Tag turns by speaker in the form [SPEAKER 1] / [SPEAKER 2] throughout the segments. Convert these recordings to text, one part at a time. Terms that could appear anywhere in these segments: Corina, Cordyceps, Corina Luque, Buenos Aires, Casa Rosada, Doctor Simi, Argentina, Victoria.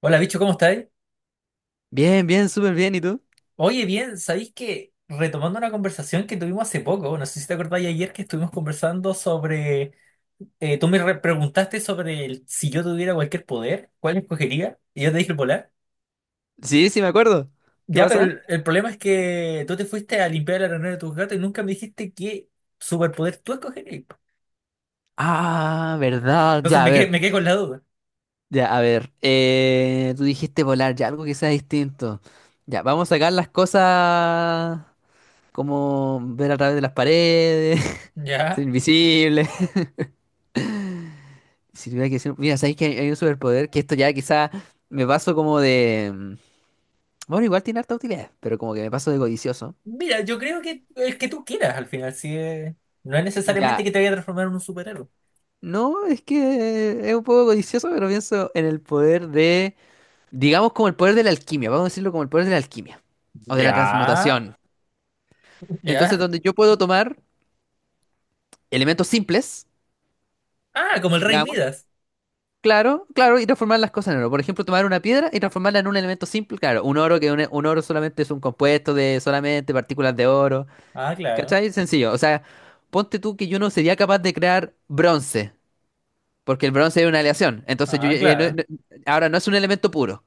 [SPEAKER 1] Hola, bicho, ¿cómo estáis?
[SPEAKER 2] Bien, bien, súper bien. ¿Y tú?
[SPEAKER 1] Oye, bien, ¿sabéis que retomando una conversación que tuvimos hace poco, no sé si te acordáis ayer que estuvimos conversando sobre, tú preguntaste sobre si yo tuviera cualquier poder, ¿cuál escogería? Y yo te dije el volar.
[SPEAKER 2] Sí, sí, me acuerdo. ¿Qué
[SPEAKER 1] Ya, pero
[SPEAKER 2] pasa?
[SPEAKER 1] el problema es que tú te fuiste a limpiar la arenero de tus gatos y nunca me dijiste qué superpoder tú escogerías.
[SPEAKER 2] Ah, verdad.
[SPEAKER 1] Entonces
[SPEAKER 2] Ya, a
[SPEAKER 1] me quedé,
[SPEAKER 2] ver.
[SPEAKER 1] me quedé con la duda.
[SPEAKER 2] Ya, a ver. Tú dijiste volar, ya algo que sea distinto. Ya, vamos a sacar las cosas como ver a través de las paredes, ser
[SPEAKER 1] Ya.
[SPEAKER 2] invisible. Si tuviera que decir, mira, sabéis que hay un superpoder que esto ya quizá me paso como Bueno, igual tiene harta utilidad, pero como que me paso de codicioso.
[SPEAKER 1] Mira, yo creo que el que tú quieras al final, no es necesariamente
[SPEAKER 2] Ya,
[SPEAKER 1] que te vaya a transformar en un superhéroe.
[SPEAKER 2] no, es que es un poco codicioso, pero pienso en el poder de. Digamos como el poder de la alquimia, vamos a decirlo como el poder de la alquimia o de la
[SPEAKER 1] Ya,
[SPEAKER 2] transmutación. Entonces,
[SPEAKER 1] ya.
[SPEAKER 2] donde yo puedo tomar elementos simples,
[SPEAKER 1] Ah, como el rey
[SPEAKER 2] digamos,
[SPEAKER 1] Midas.
[SPEAKER 2] claro, claro, y transformar las cosas en oro. Por ejemplo, tomar una piedra y transformarla en un elemento simple, claro, un oro que un oro solamente es un compuesto de solamente partículas de oro,
[SPEAKER 1] Ah, claro.
[SPEAKER 2] ¿cachai? Sencillo, o sea, ponte tú que yo no sería capaz de crear bronce, porque el bronce es una aleación, entonces yo,
[SPEAKER 1] Ah, claro.
[SPEAKER 2] ahora no es un elemento puro.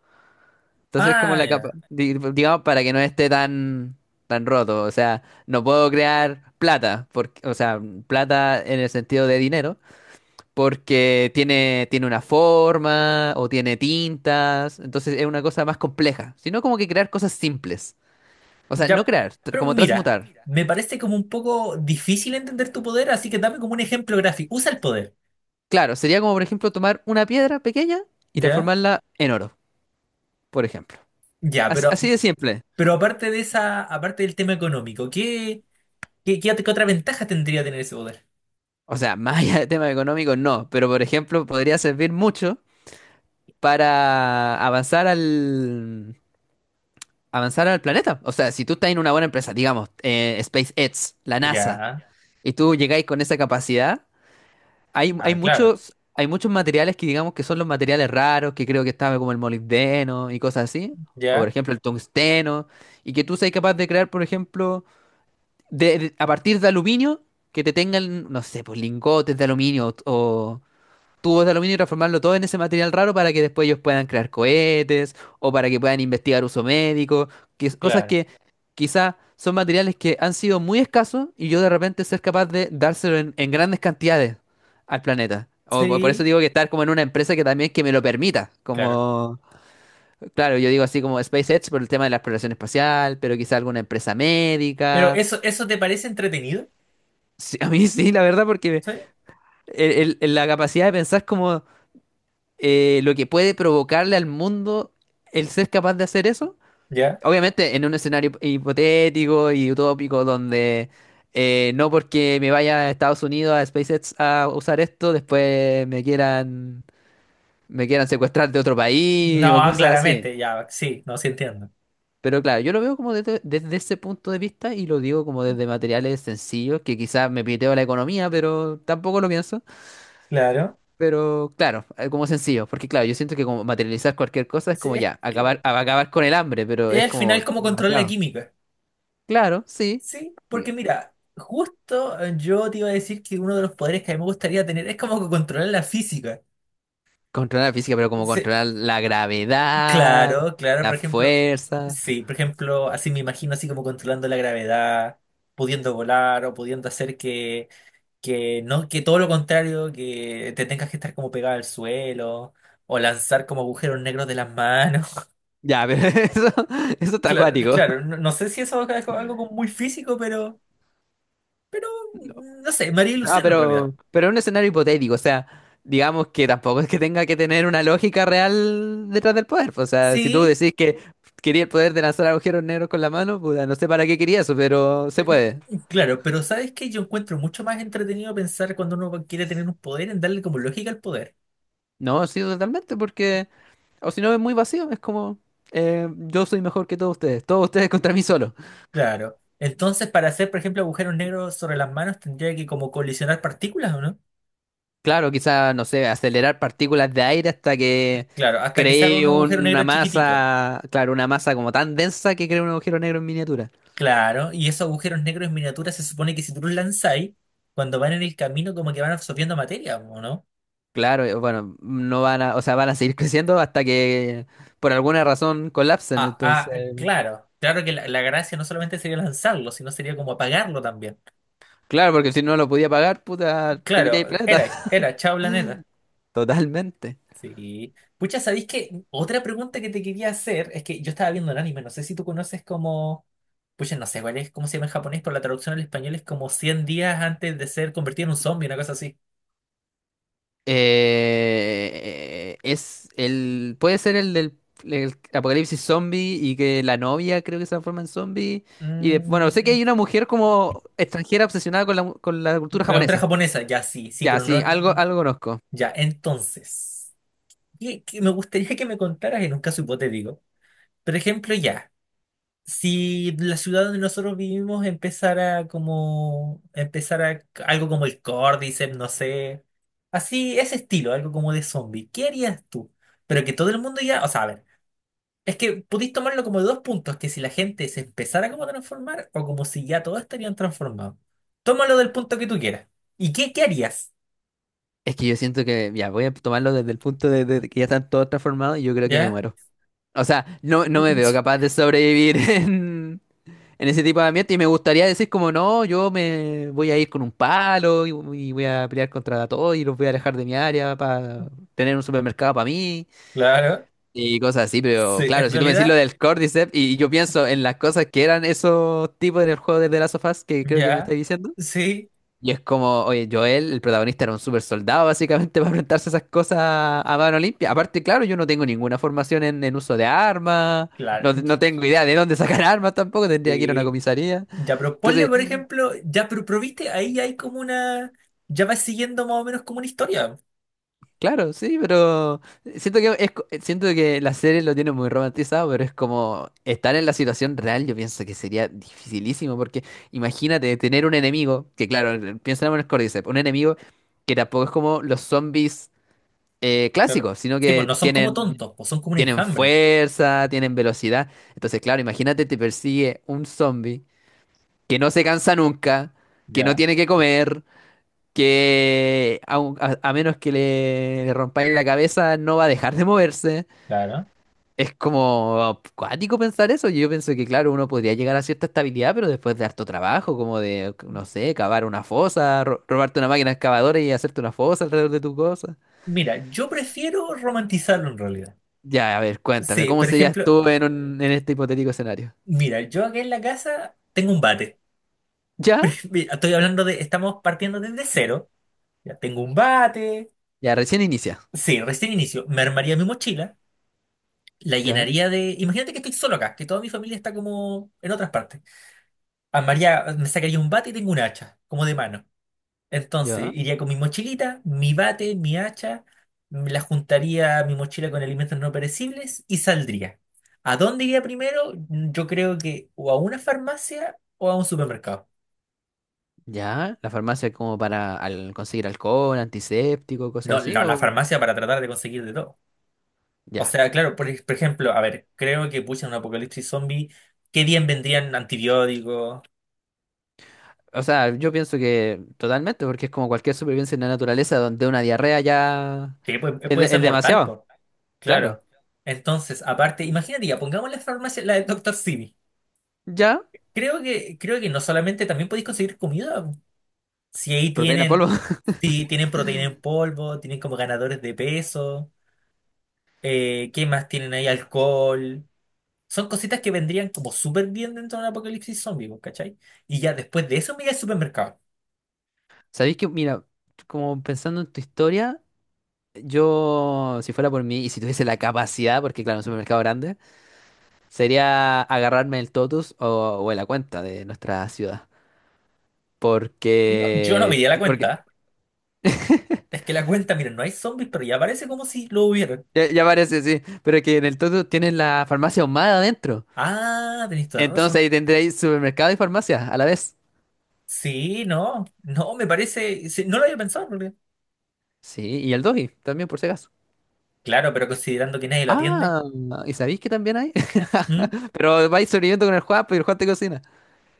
[SPEAKER 2] Entonces, es como
[SPEAKER 1] Ah,
[SPEAKER 2] la capa,
[SPEAKER 1] ya.
[SPEAKER 2] digamos, para que no esté tan, tan roto. O sea, no puedo crear plata, porque, o sea, plata en el sentido de dinero, porque tiene una forma o tiene tintas. Entonces, es una cosa más compleja. Sino como que crear cosas simples. O sea, no
[SPEAKER 1] Ya.
[SPEAKER 2] crear,
[SPEAKER 1] Pero
[SPEAKER 2] como
[SPEAKER 1] mira,
[SPEAKER 2] transmutar.
[SPEAKER 1] me parece como un poco difícil entender tu poder, así que dame como un ejemplo gráfico. Usa el poder.
[SPEAKER 2] Claro, sería como, por ejemplo, tomar una piedra pequeña y
[SPEAKER 1] ¿Ya?
[SPEAKER 2] transformarla en oro, por ejemplo.
[SPEAKER 1] Ya,
[SPEAKER 2] Así, así de simple.
[SPEAKER 1] pero aparte de esa, aparte del tema económico, ¿qué otra ventaja tendría tener ese poder?
[SPEAKER 2] O sea, más allá del tema económico, no. Pero, por ejemplo, podría servir mucho, para avanzar al planeta. O sea, si tú estás en una buena empresa, digamos, SpaceX, la NASA,
[SPEAKER 1] Ya.
[SPEAKER 2] y tú llegáis con esa capacidad, hay, hay
[SPEAKER 1] Ah, claro.
[SPEAKER 2] muchos hay muchos materiales que digamos que son los materiales raros, que creo que estaba como el molibdeno y cosas así, o por
[SPEAKER 1] Ya,
[SPEAKER 2] ejemplo el tungsteno, y que tú seas capaz de crear, por ejemplo, a partir de aluminio que te tengan, no sé, pues lingotes de aluminio o, tubos de aluminio y transformarlo todo en ese material raro para que después ellos puedan crear cohetes o para que puedan investigar uso médico, cosas
[SPEAKER 1] claro.
[SPEAKER 2] que quizá son materiales que han sido muy escasos y yo de repente ser capaz de dárselo en grandes cantidades al planeta. O por eso
[SPEAKER 1] Sí,
[SPEAKER 2] digo que estar como en una empresa que también que me lo permita,
[SPEAKER 1] claro.
[SPEAKER 2] como, claro, yo digo así como SpaceX por el tema de la exploración espacial, pero quizá alguna empresa
[SPEAKER 1] Pero
[SPEAKER 2] médica.
[SPEAKER 1] eso, ¿eso te parece entretenido?
[SPEAKER 2] Sí, a mí sí, la verdad, porque
[SPEAKER 1] ¿Sí?
[SPEAKER 2] la capacidad de pensar como lo que puede provocarle al mundo el ser capaz de hacer eso.
[SPEAKER 1] ¿Ya?
[SPEAKER 2] Obviamente en un escenario hipotético y utópico donde no porque me vaya a Estados Unidos a SpaceX a usar esto, después me quieran, secuestrar de otro
[SPEAKER 1] No,
[SPEAKER 2] país o cosas así.
[SPEAKER 1] claramente, ya, sí, no, sí entiendo.
[SPEAKER 2] Pero claro, yo lo veo como desde ese punto de vista y lo digo como desde materiales sencillos, que quizás me piteo la economía, pero tampoco lo pienso.
[SPEAKER 1] Claro.
[SPEAKER 2] Pero claro, como sencillo, porque claro, yo siento que como materializar cualquier cosa es
[SPEAKER 1] Sí,
[SPEAKER 2] como
[SPEAKER 1] es
[SPEAKER 2] ya, acabar,
[SPEAKER 1] claro.
[SPEAKER 2] acabar con el hambre, pero
[SPEAKER 1] Es
[SPEAKER 2] es
[SPEAKER 1] al
[SPEAKER 2] como
[SPEAKER 1] final como controlar la
[SPEAKER 2] demasiado.
[SPEAKER 1] química.
[SPEAKER 2] Claro, sí.
[SPEAKER 1] Sí, porque
[SPEAKER 2] diga,
[SPEAKER 1] mira, justo yo te iba a decir que uno de los poderes que a mí me gustaría tener es como que controlar la física.
[SPEAKER 2] Controlar la física, pero como
[SPEAKER 1] Sí,
[SPEAKER 2] controlar la gravedad,
[SPEAKER 1] claro, claro,
[SPEAKER 2] la
[SPEAKER 1] por ejemplo,
[SPEAKER 2] fuerza.
[SPEAKER 1] sí, por ejemplo, así me imagino así como controlando la gravedad, pudiendo volar o pudiendo hacer que no, que todo lo contrario, que te tengas que estar como pegado al suelo o lanzar como agujeros negros de las manos.
[SPEAKER 2] Ya, pero eso está
[SPEAKER 1] Claro,
[SPEAKER 2] acuático.
[SPEAKER 1] claro, no, no sé si eso es algo como muy físico, pero... Pero, no sé, María y
[SPEAKER 2] Ah,
[SPEAKER 1] Lucero en realidad.
[SPEAKER 2] pero un escenario hipotético, o sea, digamos que tampoco es que tenga que tener una lógica real detrás del poder, pues. O sea, si tú
[SPEAKER 1] Sí,
[SPEAKER 2] decís que quería el poder de lanzar agujeros negros con la mano, puta, no sé para qué quería eso, pero se puede.
[SPEAKER 1] claro, pero ¿sabes qué? Yo encuentro mucho más entretenido pensar cuando uno quiere tener un poder en darle como lógica al poder.
[SPEAKER 2] No, sí, totalmente, porque, o si no, es muy vacío, es como, yo soy mejor que todos ustedes contra mí solo.
[SPEAKER 1] Claro. Entonces, para hacer, por ejemplo, agujeros negros sobre las manos, tendría que como colisionar partículas, ¿o no?
[SPEAKER 2] Claro, quizá, no sé, acelerar partículas de aire hasta que
[SPEAKER 1] Claro, hasta que se haga un
[SPEAKER 2] cree
[SPEAKER 1] agujero negro
[SPEAKER 2] una
[SPEAKER 1] chiquitito.
[SPEAKER 2] masa, claro, una masa como tan densa que cree un agujero negro en miniatura.
[SPEAKER 1] Claro, y esos agujeros negros en miniatura se supone que si tú los lanzáis, cuando van en el camino como que van absorbiendo materia, ¿o no?
[SPEAKER 2] Claro, bueno, no van a, o sea, van a seguir creciendo hasta que por alguna razón colapsen,
[SPEAKER 1] Ah, ah,
[SPEAKER 2] entonces,
[SPEAKER 1] claro. Claro que la gracia no solamente sería lanzarlo, sino sería como apagarlo también.
[SPEAKER 2] claro, porque si no lo podía pagar, puta, te pité el
[SPEAKER 1] Claro,
[SPEAKER 2] planeta.
[SPEAKER 1] era, chao planeta.
[SPEAKER 2] Totalmente.
[SPEAKER 1] Sí. Pucha, ¿sabéis que otra pregunta que te quería hacer es que yo estaba viendo el anime, no sé si tú conoces como, pucha, no sé cuál es, cómo se llama en japonés, pero la traducción al español es como 100 días antes de ser convertido en un zombie, una cosa así.
[SPEAKER 2] Puede ser el del el apocalipsis zombie y que la novia creo que se transforma en zombie. Y bueno, sé que
[SPEAKER 1] Mm,
[SPEAKER 2] hay una mujer como extranjera obsesionada con la
[SPEAKER 1] la
[SPEAKER 2] cultura
[SPEAKER 1] cultura
[SPEAKER 2] japonesa.
[SPEAKER 1] japonesa, ya sí, sí,
[SPEAKER 2] Ya,
[SPEAKER 1] pero
[SPEAKER 2] sí,
[SPEAKER 1] no,
[SPEAKER 2] algo, algo conozco.
[SPEAKER 1] ya, entonces, me gustaría que me contaras en un caso hipotético. Por ejemplo, ya. Si la ciudad donde nosotros vivimos empezara como, empezara algo como el Cordyceps, no sé, así, ese estilo, algo como de zombie, ¿qué harías tú? Pero que todo el mundo ya, o sea, a ver, es que pudiste tomarlo como de dos puntos, que si la gente se empezara como a transformar o como si ya todos estarían transformados. Tómalo del punto que tú quieras. ¿Y qué harías?
[SPEAKER 2] Es que yo siento que, ya, voy a tomarlo desde el punto de que ya están todos transformados y yo creo que me
[SPEAKER 1] ¿Ya?
[SPEAKER 2] muero. O sea, no, no me veo capaz de sobrevivir en, ese tipo de ambiente y me gustaría decir como no, yo me voy a ir con un palo y voy a pelear contra todos y los voy a alejar de mi área para tener un supermercado para mí
[SPEAKER 1] Claro.
[SPEAKER 2] y cosas así, pero
[SPEAKER 1] Sí,
[SPEAKER 2] claro,
[SPEAKER 1] en
[SPEAKER 2] si tú me decís lo
[SPEAKER 1] realidad,
[SPEAKER 2] del Cordyceps y yo pienso en las cosas que eran esos tipos en el juego de The Last of Us que creo que me
[SPEAKER 1] ya.
[SPEAKER 2] estáis diciendo.
[SPEAKER 1] Sí,
[SPEAKER 2] Y es como, oye, Joel, el protagonista era un super soldado básicamente para enfrentarse a esas cosas a mano limpia. Aparte, claro, yo no tengo ninguna formación en uso de armas,
[SPEAKER 1] claro.
[SPEAKER 2] no, no tengo idea de dónde sacar armas tampoco, tendría que ir a una
[SPEAKER 1] Sí.
[SPEAKER 2] comisaría.
[SPEAKER 1] Ya, pero ponle,
[SPEAKER 2] Entonces,
[SPEAKER 1] por ejemplo, ya, pero viste, ahí hay como una. Ya vas siguiendo más o menos como una historia.
[SPEAKER 2] claro, sí, pero siento que la serie lo tiene muy romantizado, pero es como estar en la situación real, yo pienso que sería dificilísimo, porque imagínate tener un enemigo, que claro, piensa en el Cordyceps, un enemigo que tampoco es como los zombies
[SPEAKER 1] Claro.
[SPEAKER 2] clásicos, sino
[SPEAKER 1] Sí, pues
[SPEAKER 2] que
[SPEAKER 1] no son como
[SPEAKER 2] tienen,
[SPEAKER 1] tontos, pues son como un
[SPEAKER 2] tienen
[SPEAKER 1] enjambre.
[SPEAKER 2] fuerza, tienen velocidad. Entonces, claro, imagínate te persigue un zombie que no se cansa nunca, que no
[SPEAKER 1] Ya,
[SPEAKER 2] tiene que comer, que a menos que le rompáis la cabeza no va a dejar de moverse.
[SPEAKER 1] claro.
[SPEAKER 2] Es como cuático pensar eso. Yo pienso que, claro, uno podría llegar a cierta estabilidad, pero después de harto trabajo, como de, no sé, cavar una fosa, robarte una máquina excavadora y hacerte una fosa alrededor de tu cosa.
[SPEAKER 1] Mira, yo prefiero romantizarlo en realidad.
[SPEAKER 2] Ya, a ver, cuéntame,
[SPEAKER 1] Sí,
[SPEAKER 2] ¿cómo
[SPEAKER 1] por
[SPEAKER 2] serías
[SPEAKER 1] ejemplo,
[SPEAKER 2] tú en, en este hipotético escenario?
[SPEAKER 1] mira, yo aquí en la casa tengo un bate.
[SPEAKER 2] ¿Ya?
[SPEAKER 1] Mira, estoy hablando de, estamos partiendo desde cero. Ya tengo un bate.
[SPEAKER 2] Ya, recién inicia.
[SPEAKER 1] Sí, recién inicio. Me armaría mi mochila, la
[SPEAKER 2] ¿Ya?
[SPEAKER 1] llenaría de. Imagínate que estoy solo acá, que toda mi familia está como en otras partes. Armaría, me sacaría un bate y tengo un hacha, como de mano. Entonces,
[SPEAKER 2] ¿Ya?
[SPEAKER 1] iría con mi mochilita, mi bate, mi hacha, me la juntaría a mi mochila con alimentos no perecibles y saldría. ¿A dónde iría primero? Yo creo que o a una farmacia o a un supermercado.
[SPEAKER 2] ¿Ya? ¿La farmacia como para conseguir alcohol, antiséptico, cosas
[SPEAKER 1] No,
[SPEAKER 2] así?
[SPEAKER 1] la
[SPEAKER 2] ¿O
[SPEAKER 1] farmacia para tratar de conseguir de todo. O
[SPEAKER 2] ya?
[SPEAKER 1] sea, claro, por ejemplo, a ver, creo que pucha, en un apocalipsis zombie, qué bien vendrían antibióticos.
[SPEAKER 2] O sea, yo pienso que totalmente, porque es como cualquier supervivencia en la naturaleza donde una diarrea ya
[SPEAKER 1] Sí,
[SPEAKER 2] es,
[SPEAKER 1] puede ser
[SPEAKER 2] es
[SPEAKER 1] mortal,
[SPEAKER 2] demasiado.
[SPEAKER 1] pues.
[SPEAKER 2] Claro.
[SPEAKER 1] Claro. Entonces, aparte, imagínate, ya, pongamos la farmacia, la del doctor Simi.
[SPEAKER 2] Ya,
[SPEAKER 1] Creo que no solamente también podéis conseguir comida. Po. Si ahí
[SPEAKER 2] proteína
[SPEAKER 1] tienen,
[SPEAKER 2] polvo.
[SPEAKER 1] si tienen proteína en polvo, tienen como ganadores de peso, ¿qué más tienen ahí? Alcohol. Son cositas que vendrían como súper bien dentro de un apocalipsis zombie, po, ¿cachai? Y ya después de eso me iría al supermercado.
[SPEAKER 2] ¿Sabéis que, mira, como pensando en tu historia, yo, si fuera por mí y si tuviese la capacidad, porque claro, un supermercado grande, sería agarrarme el totus o en la cuenta de nuestra ciudad.
[SPEAKER 1] No, yo no
[SPEAKER 2] Porque,
[SPEAKER 1] diría la
[SPEAKER 2] porque
[SPEAKER 1] cuenta. Es que la cuenta, miren, no hay zombies, pero ya parece como si lo hubieran.
[SPEAKER 2] ya, ya parece, sí, pero es que en el totus tienen la farmacia ahumada adentro.
[SPEAKER 1] Ah, tenéis toda la razón.
[SPEAKER 2] Entonces ahí tendréis supermercado y farmacia a la vez.
[SPEAKER 1] Sí, no, no, me parece. Sí, no lo había pensado, en realidad.
[SPEAKER 2] Sí, y el doji también, por si acaso.
[SPEAKER 1] Claro, pero considerando que nadie lo atiende.
[SPEAKER 2] Ah, ¿y sabéis que también hay?
[SPEAKER 1] ¿Mm?
[SPEAKER 2] Pero vais sobreviviendo con el Juan, pues, y el Juan te cocina.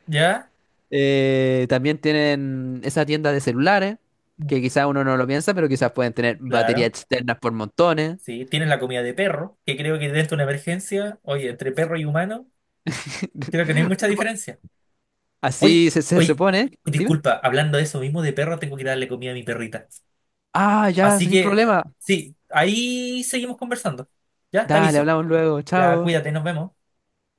[SPEAKER 1] ¿Ya?
[SPEAKER 2] También tienen esa tienda de celulares, que quizás uno no lo piensa, pero quizás pueden tener baterías
[SPEAKER 1] Claro,
[SPEAKER 2] externas por montones.
[SPEAKER 1] sí. Tienes la comida de perro, que creo que dentro de una emergencia, oye, entre perro y humano, creo que no hay mucha diferencia. Oye,
[SPEAKER 2] Así se
[SPEAKER 1] oye,
[SPEAKER 2] supone. Dime.
[SPEAKER 1] disculpa, hablando de eso mismo de perro, tengo que darle comida a mi perrita.
[SPEAKER 2] Ah, ya,
[SPEAKER 1] Así
[SPEAKER 2] sin
[SPEAKER 1] que,
[SPEAKER 2] problema.
[SPEAKER 1] sí, ahí seguimos conversando. Ya, te
[SPEAKER 2] Dale,
[SPEAKER 1] aviso.
[SPEAKER 2] hablamos luego.
[SPEAKER 1] Ya,
[SPEAKER 2] Chao.
[SPEAKER 1] cuídate, nos vemos.